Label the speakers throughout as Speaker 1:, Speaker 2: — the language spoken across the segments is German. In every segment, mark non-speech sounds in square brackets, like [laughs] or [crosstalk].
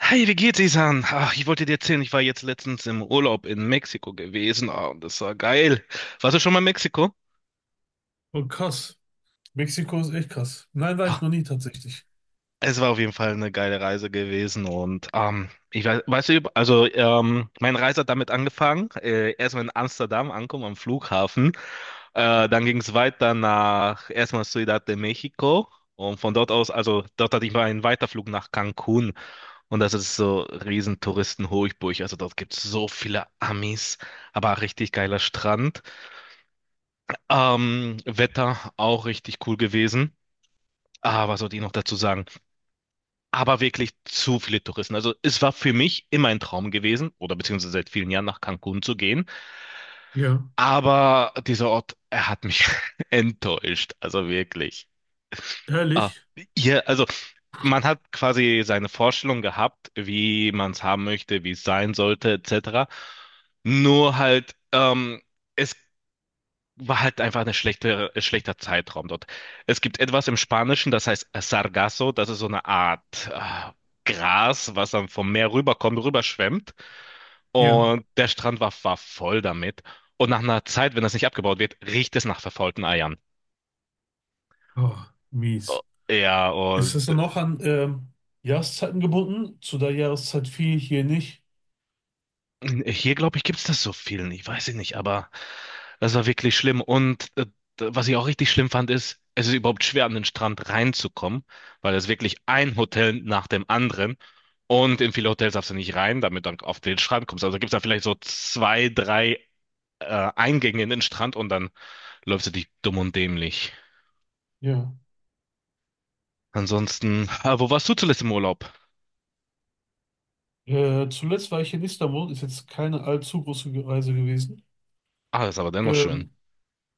Speaker 1: Hi, wie geht's, Isan? Ach, ich wollte dir erzählen, ich war jetzt letztens im Urlaub in Mexiko gewesen. Und das war geil. Warst du schon mal in Mexiko?
Speaker 2: Oh, krass. Mexiko ist echt krass. Nein, war ich
Speaker 1: Ah,
Speaker 2: noch nie tatsächlich.
Speaker 1: Es war auf jeden Fall eine geile Reise gewesen. Und ich weiß, weißt du, also meine Reise hat damit angefangen. Erstmal in Amsterdam ankommen am Flughafen. Dann ging es weiter nach erstmal Ciudad de México. Und von dort aus, also dort hatte ich mal einen Weiterflug nach Cancun. Und das ist so riesen Touristen-Hochburg. Also dort gibt es so viele Amis, aber auch richtig geiler Strand. Wetter auch richtig cool gewesen. Was sollte ich noch dazu sagen? Aber wirklich zu viele Touristen. Also es war für mich immer ein Traum gewesen, oder beziehungsweise seit vielen Jahren nach Cancun zu gehen.
Speaker 2: Ja,
Speaker 1: Aber dieser Ort, er hat mich [laughs] enttäuscht. Also wirklich. Ah,
Speaker 2: ehrlich?
Speaker 1: Hier, also man hat quasi seine Vorstellung gehabt, wie man es haben möchte, wie es sein sollte, etc. Nur halt, es war halt einfach eine schlechte, schlechter Zeitraum dort. Es gibt etwas im Spanischen, das heißt Sargasso, das ist so eine Art Gras, was dann vom Meer rüberkommt, rüberschwemmt.
Speaker 2: Ja.
Speaker 1: Und der Strand war voll damit. Und nach einer Zeit, wenn das nicht abgebaut wird, riecht es nach verfaulten Eiern.
Speaker 2: Oh,
Speaker 1: Oh,
Speaker 2: mies.
Speaker 1: ja,
Speaker 2: Ist das
Speaker 1: und
Speaker 2: dann auch an Jahreszeiten gebunden? Zu der Jahreszeit viel hier nicht.
Speaker 1: hier, glaube ich, gibt es das so viel nicht. Weiß ich nicht, aber das war wirklich schlimm. Und was ich auch richtig schlimm fand, ist, es ist überhaupt schwer, an den Strand reinzukommen, weil es wirklich ein Hotel nach dem anderen. Und in viele Hotels darfst du nicht rein, damit du dann auf den Strand kommst. Also gibt es da vielleicht so zwei, drei Eingänge in den Strand und dann läufst du dich dumm und dämlich.
Speaker 2: Ja.
Speaker 1: Ansonsten, wo warst du zuletzt im Urlaub?
Speaker 2: Zuletzt war ich in Istanbul, ist jetzt keine allzu große Reise gewesen.
Speaker 1: Ah, ist aber dennoch schön.
Speaker 2: Ähm,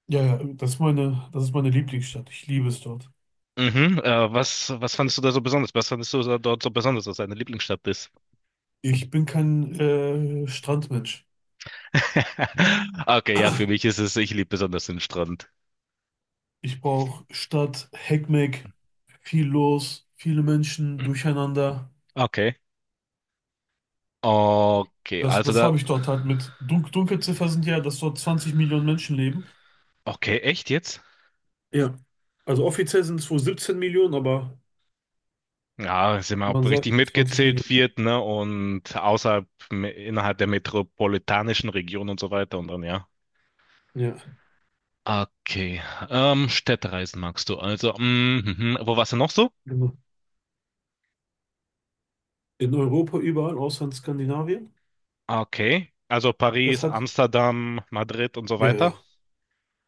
Speaker 2: ja, ja, das ist meine Lieblingsstadt. Ich liebe es dort.
Speaker 1: Mhm, was fandest du da so besonders? Was fandest du da dort so besonders, dass deine Lieblingsstadt ist?
Speaker 2: Ich bin kein Strandmensch.
Speaker 1: [laughs] Okay, ja, für mich ist es, ich liebe besonders den Strand.
Speaker 2: Ich brauche Stadt, Heckmeck, viel los, viele Menschen, durcheinander.
Speaker 1: Okay. Okay,
Speaker 2: Das,
Speaker 1: also
Speaker 2: das
Speaker 1: da,
Speaker 2: habe ich dort halt mit. Dunkelziffer sind ja, dass dort 20 Millionen Menschen leben.
Speaker 1: okay, echt jetzt?
Speaker 2: Ja. Also offiziell sind es wohl 17 Millionen, aber
Speaker 1: Ja, sind wir auch
Speaker 2: man sagt
Speaker 1: richtig
Speaker 2: 20
Speaker 1: mitgezählt,
Speaker 2: Millionen.
Speaker 1: wird, ne? Und außerhalb, innerhalb der metropolitanischen Region und so weiter und dann, ja.
Speaker 2: Ja,
Speaker 1: Okay, Städtereisen magst du. Also, mm, mhm. Wo warst du noch so?
Speaker 2: genau. In Europa überall, außer in Skandinavien.
Speaker 1: Okay, also
Speaker 2: Das
Speaker 1: Paris,
Speaker 2: hat,
Speaker 1: Amsterdam, Madrid und so
Speaker 2: ja,
Speaker 1: weiter.
Speaker 2: ja.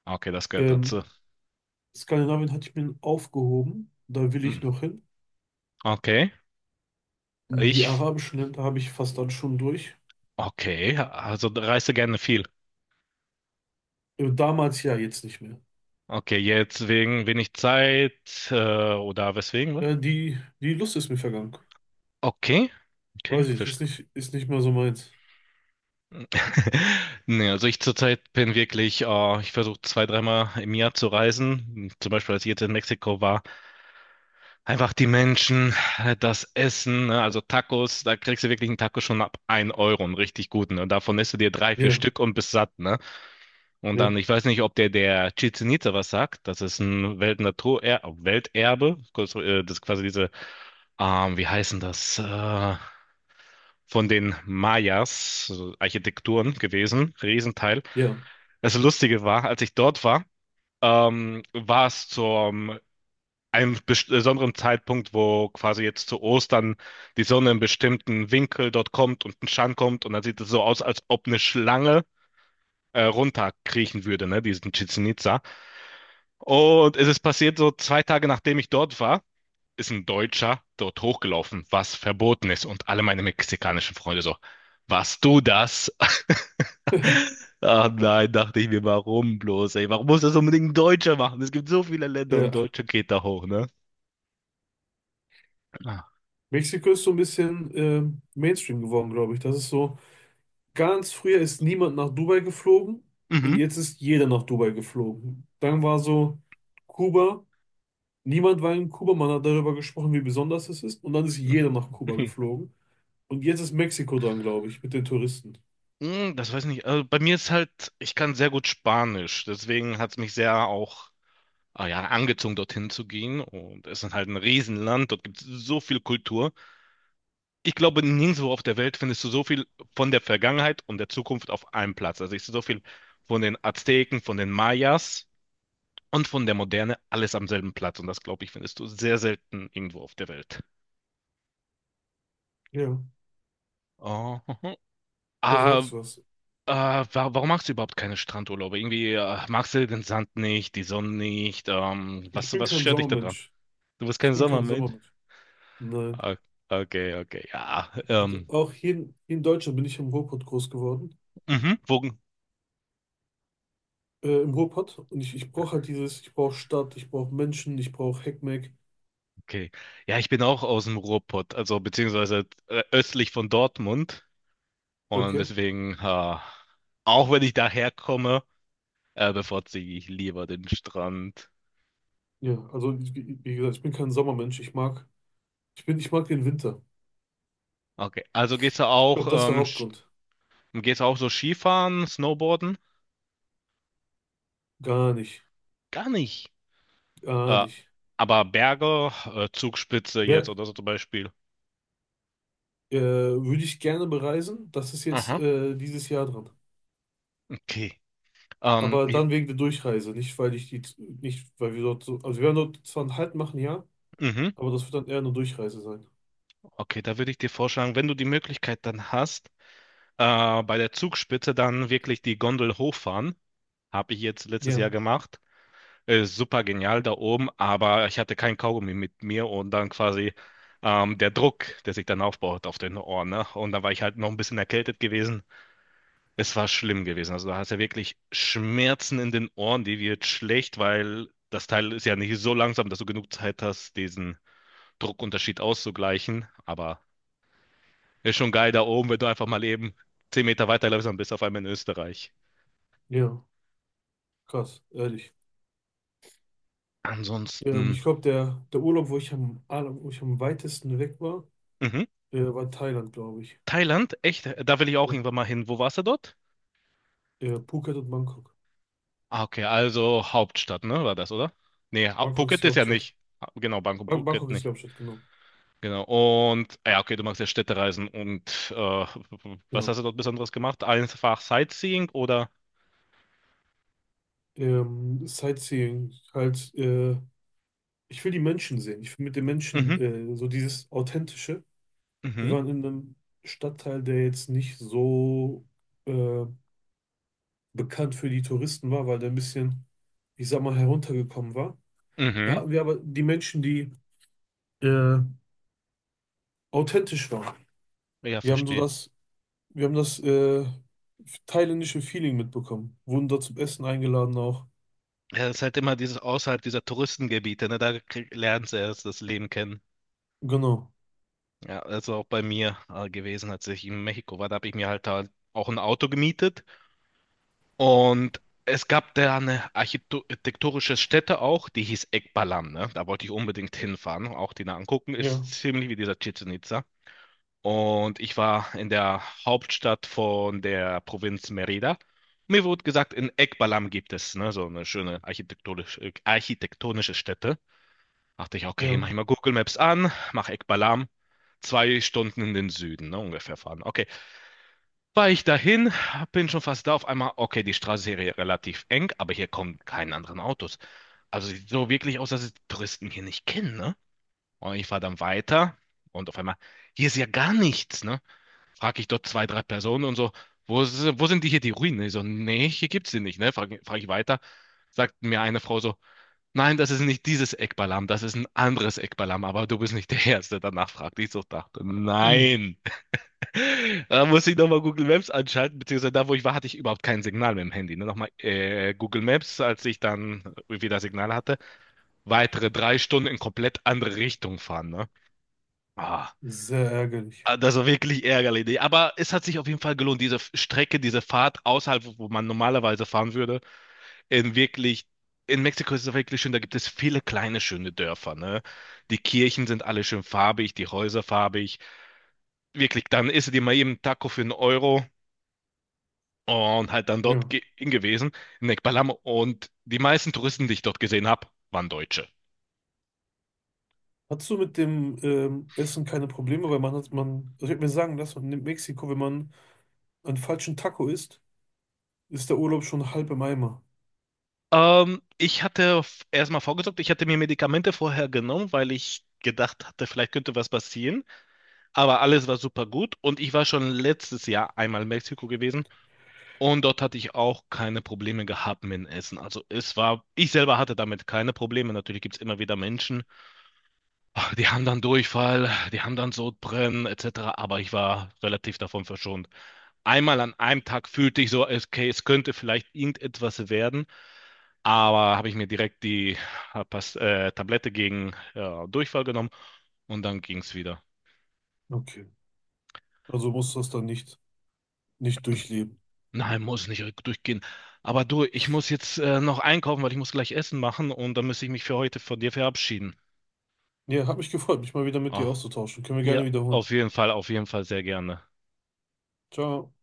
Speaker 1: Okay, das gehört
Speaker 2: Ähm,
Speaker 1: dazu.
Speaker 2: Skandinavien hatte ich mir aufgehoben. Da will ich
Speaker 1: Mm.
Speaker 2: noch hin.
Speaker 1: Okay,
Speaker 2: Die
Speaker 1: ich,
Speaker 2: arabischen Länder habe ich fast dann schon durch.
Speaker 1: okay, also reiste gerne viel.
Speaker 2: Damals ja, jetzt nicht mehr.
Speaker 1: Okay, jetzt wegen wenig Zeit äh, oder weswegen? Was?
Speaker 2: Ja, die Lust ist mir vergangen.
Speaker 1: Okay, okay,
Speaker 2: Weiß ich nicht,
Speaker 1: verstehe.
Speaker 2: ist nicht mehr so meins.
Speaker 1: [laughs] Nee, also ich zurzeit bin wirklich, ich versuche zwei, dreimal im Jahr zu reisen. Zum Beispiel, als ich jetzt in Mexiko war, einfach die Menschen, das Essen, ne? Also Tacos, da kriegst du wirklich einen Taco schon ab ein Euro, einen richtig guten. Und davon isst du dir drei, vier
Speaker 2: Ja,
Speaker 1: Stück und bist satt, ne? Und dann,
Speaker 2: ja,
Speaker 1: ich weiß nicht, ob der Chichen Itza was sagt. Das ist ein Weltnatur Welterbe, kurz, das ist quasi diese wie heißen das? Von den Mayas, also Architekturen gewesen, Riesenteil.
Speaker 2: ja,
Speaker 1: Das Lustige war, als ich dort war, war es zum einem besonderen Zeitpunkt, wo quasi jetzt zu Ostern die Sonne in bestimmten Winkel dort kommt und ein Schatten kommt und dann sieht es so aus, als ob eine Schlange runterkriechen würde, ne, diesen Chichen Itza. Und es ist passiert so zwei Tage nachdem ich dort war. Ist ein Deutscher dort hochgelaufen, was verboten ist. Und alle meine mexikanischen Freunde so, warst du das? [laughs] Ach nein, dachte ich mir, warum bloß, ey? Warum muss das unbedingt ein Deutscher machen? Es gibt so viele Länder und
Speaker 2: ja.
Speaker 1: Deutsche geht da hoch, ne? Ah.
Speaker 2: Mexiko ist so ein bisschen Mainstream geworden, glaube ich. Das ist so, ganz früher ist niemand nach Dubai geflogen und
Speaker 1: Mhm.
Speaker 2: jetzt ist jeder nach Dubai geflogen. Dann war so Kuba, niemand war in Kuba, man hat darüber gesprochen, wie besonders es ist, und dann ist jeder nach Kuba
Speaker 1: [laughs]
Speaker 2: geflogen. Und jetzt ist Mexiko dran, glaube ich, mit den Touristen.
Speaker 1: Hm, das weiß ich nicht. Also bei mir ist halt, ich kann sehr gut Spanisch, deswegen hat es mich sehr auch ah ja, angezogen, dorthin zu gehen. Und es ist halt ein Riesenland, dort gibt es so viel Kultur. Ich glaube, nirgendwo auf der Welt findest du so viel von der Vergangenheit und der Zukunft auf einem Platz. Also ich sehe so viel von den Azteken, von den Mayas und von der Moderne, alles am selben Platz. Und das, glaube ich, findest du sehr selten irgendwo auf der Welt.
Speaker 2: Ja,
Speaker 1: Oh.
Speaker 2: da sagst
Speaker 1: Ah,
Speaker 2: du was.
Speaker 1: ah, warum machst du überhaupt keine Strandurlaube? Irgendwie, magst du den Sand nicht, die Sonne nicht?
Speaker 2: Ich bin
Speaker 1: Was
Speaker 2: kein
Speaker 1: stört dich daran?
Speaker 2: Sommermensch.
Speaker 1: Du bist
Speaker 2: Ich
Speaker 1: kein
Speaker 2: bin kein
Speaker 1: Sommermensch.
Speaker 2: Sommermensch. Nein.
Speaker 1: Ah, Okay, okay, ja.
Speaker 2: Also auch hier, hier in Deutschland bin ich im Ruhrpott groß geworden.
Speaker 1: Mhm. Wo,
Speaker 2: Äh, im Ruhrpott, und ich brauche halt dieses, ich brauche Stadt, ich brauche Menschen, ich brauche Heckmeck.
Speaker 1: okay. Ja, ich bin auch aus dem Ruhrpott, also beziehungsweise östlich von Dortmund. Und
Speaker 2: Okay.
Speaker 1: deswegen, ha, auch wenn ich daherkomme, bevorzuge ich lieber den Strand.
Speaker 2: Ja, also wie gesagt, ich bin kein Sommermensch. Ich mag den Winter.
Speaker 1: Okay, also gehst du
Speaker 2: Ich
Speaker 1: auch,
Speaker 2: glaube, das ist der Hauptgrund.
Speaker 1: gehst du auch so Skifahren, Snowboarden?
Speaker 2: Gar nicht,
Speaker 1: Gar nicht.
Speaker 2: gar
Speaker 1: Äh,
Speaker 2: nicht.
Speaker 1: aber Berge, Zugspitze jetzt
Speaker 2: Der,
Speaker 1: oder so zum Beispiel.
Speaker 2: würde ich gerne bereisen. Das ist jetzt
Speaker 1: Aha,
Speaker 2: dieses Jahr dran.
Speaker 1: okay. Ähm,
Speaker 2: Aber
Speaker 1: ich,
Speaker 2: dann wegen der Durchreise, nicht weil wir dort so, also wir werden dort zwar einen Halt machen, ja,
Speaker 1: mhm,
Speaker 2: aber das wird dann eher eine Durchreise sein.
Speaker 1: okay, da würde ich dir vorschlagen, wenn du die Möglichkeit dann hast, bei der Zugspitze dann wirklich die Gondel hochfahren. Habe ich jetzt letztes
Speaker 2: Ja,
Speaker 1: Jahr gemacht. Super genial da oben, aber ich hatte kein Kaugummi mit mir und dann quasi der Druck, der sich dann aufbaut auf den Ohren, ne? Und dann war ich halt noch ein bisschen erkältet gewesen. Es war schlimm gewesen. Also da hast du ja wirklich Schmerzen in den Ohren, die wird schlecht, weil das Teil ist ja nicht so langsam, dass du genug Zeit hast, diesen Druckunterschied auszugleichen. Aber ist schon geil da oben, wenn du einfach mal eben 10 Meter weiterläufst, dann bist du auf einmal in Österreich.
Speaker 2: ja, krass, ehrlich.
Speaker 1: Ansonsten,
Speaker 2: Ich glaube, der Urlaub, wo ich wo ich am weitesten weg war,
Speaker 1: mhm.
Speaker 2: war Thailand, glaube ich.
Speaker 1: Thailand, echt, da will ich auch
Speaker 2: Ja.
Speaker 1: irgendwann mal hin. Wo warst du dort?
Speaker 2: Phuket und Bangkok.
Speaker 1: Ah, okay, also Hauptstadt, ne, war das, oder? Nee,
Speaker 2: Bangkok ist
Speaker 1: Phuket
Speaker 2: die
Speaker 1: ist ja
Speaker 2: Hauptstadt.
Speaker 1: nicht. Ah, genau, Bangkok, Phuket
Speaker 2: Bangkok ist die
Speaker 1: nicht.
Speaker 2: Hauptstadt, genau.
Speaker 1: Genau, und, ah ja, okay, du magst ja Städtereisen und äh, was hast
Speaker 2: Genau.
Speaker 1: du dort Besonderes gemacht? Einfach Sightseeing oder?
Speaker 2: Sightseeing, halt, ich will die Menschen sehen. Ich will mit den Menschen
Speaker 1: Mhm,
Speaker 2: so dieses Authentische. Wir
Speaker 1: mhm,
Speaker 2: waren in einem Stadtteil, der jetzt nicht so äh, bekannt für die Touristen war, weil der ein bisschen, ich sag mal, heruntergekommen war. Da
Speaker 1: mhm.
Speaker 2: hatten wir aber die Menschen, die äh, authentisch waren.
Speaker 1: Ja,
Speaker 2: Wir haben so
Speaker 1: verstehe.
Speaker 2: das, wir haben das thailändische Feeling mitbekommen. Wurden da zum Essen eingeladen auch.
Speaker 1: Ja, es ist halt immer dieses außerhalb dieser Touristengebiete, ne, da lernst du erst das Leben kennen.
Speaker 2: Genau.
Speaker 1: Ja, also auch bei mir gewesen, als ich in Mexiko war, da habe ich mir halt auch ein Auto gemietet. Und es gab da eine architektonische Stätte auch, die hieß Ekbalam, ne? Da wollte ich unbedingt hinfahren, auch die da angucken. Ist
Speaker 2: Ja,
Speaker 1: ziemlich wie dieser Chichén Itzá. Und ich war in der Hauptstadt von der Provinz Merida. Mir wurde gesagt, in Ekbalam gibt es, ne, so eine schöne architektonische Stätte. Dachte ich, okay,
Speaker 2: ja.
Speaker 1: mach ich mal Google Maps an, mach Ekbalam, 2 Stunden in den Süden, ne, ungefähr fahren. Okay, war ich dahin, bin schon fast da. Auf einmal, okay, die Straße ist hier relativ eng, aber hier kommen keine anderen Autos. Also sieht so wirklich aus, dass es die Touristen hier nicht kennen, ne? Und ich fahre dann weiter und auf einmal, hier ist ja gar nichts, ne? Frag ich dort zwei, drei Personen und so, wo sind die hier, die Ruinen? Ich so, nee, hier gibt's sie nicht, ne? Frag ich weiter, sagt mir eine Frau so, nein, das ist nicht dieses Ekbalam, das ist ein anderes Ekbalam, aber du bist nicht der Erste. Danach fragte ich so, dachte,
Speaker 2: Mhm.
Speaker 1: nein. Da musste ich nochmal Google Maps anschalten, beziehungsweise da, wo ich war, hatte ich überhaupt kein Signal mit dem Handy. Ne? Nochmal Google Maps, als ich dann wieder Signal hatte, weitere 3 Stunden in komplett andere Richtung fahren. Ne? Ah,
Speaker 2: Sehr ärgerlich.
Speaker 1: das war wirklich ärgerlich. Nee, aber es hat sich auf jeden Fall gelohnt, diese Strecke, diese Fahrt außerhalb, wo man normalerweise fahren würde, in wirklich. In Mexiko ist es wirklich schön, da gibt es viele kleine schöne Dörfer, ne? Die Kirchen sind alle schön farbig, die Häuser farbig. Wirklich, dann isst du dir mal eben einen Taco für einen Euro und halt dann dort
Speaker 2: Ja.
Speaker 1: ge gewesen, in Ekbalam. Und die meisten Touristen, die ich dort gesehen habe, waren Deutsche.
Speaker 2: Hattest du mit dem Essen keine Probleme? Weil man, also ich habe mir sagen lassen, in Mexiko, wenn man einen falschen Taco isst, ist der Urlaub schon halb im Eimer.
Speaker 1: Ich hatte erstmal vorgesorgt, ich hatte mir Medikamente vorher genommen, weil ich gedacht hatte, vielleicht könnte was passieren. Aber alles war super gut und ich war schon letztes Jahr einmal in Mexiko gewesen und dort hatte ich auch keine Probleme gehabt mit dem Essen. Also es war, ich selber hatte damit keine Probleme. Natürlich gibt es immer wieder Menschen, die haben dann Durchfall, die haben dann Sodbrennen etc. Aber ich war relativ davon verschont. Einmal an einem Tag fühlte ich so, okay, es könnte vielleicht irgendetwas werden, aber habe ich mir direkt die äh, Tablette gegen Durchfall genommen und dann ging es wieder.
Speaker 2: Okay. Also musst du das dann nicht durchleben.
Speaker 1: Nein, muss nicht durchgehen. Aber du, ich muss jetzt noch einkaufen, weil ich muss gleich Essen machen und dann muss ich mich für heute von dir verabschieden.
Speaker 2: Ja, hat mich gefreut, mich mal wieder mit
Speaker 1: Oh,
Speaker 2: dir auszutauschen. Können wir gerne
Speaker 1: ja,
Speaker 2: wiederholen.
Speaker 1: auf jeden Fall sehr gerne.
Speaker 2: Ciao.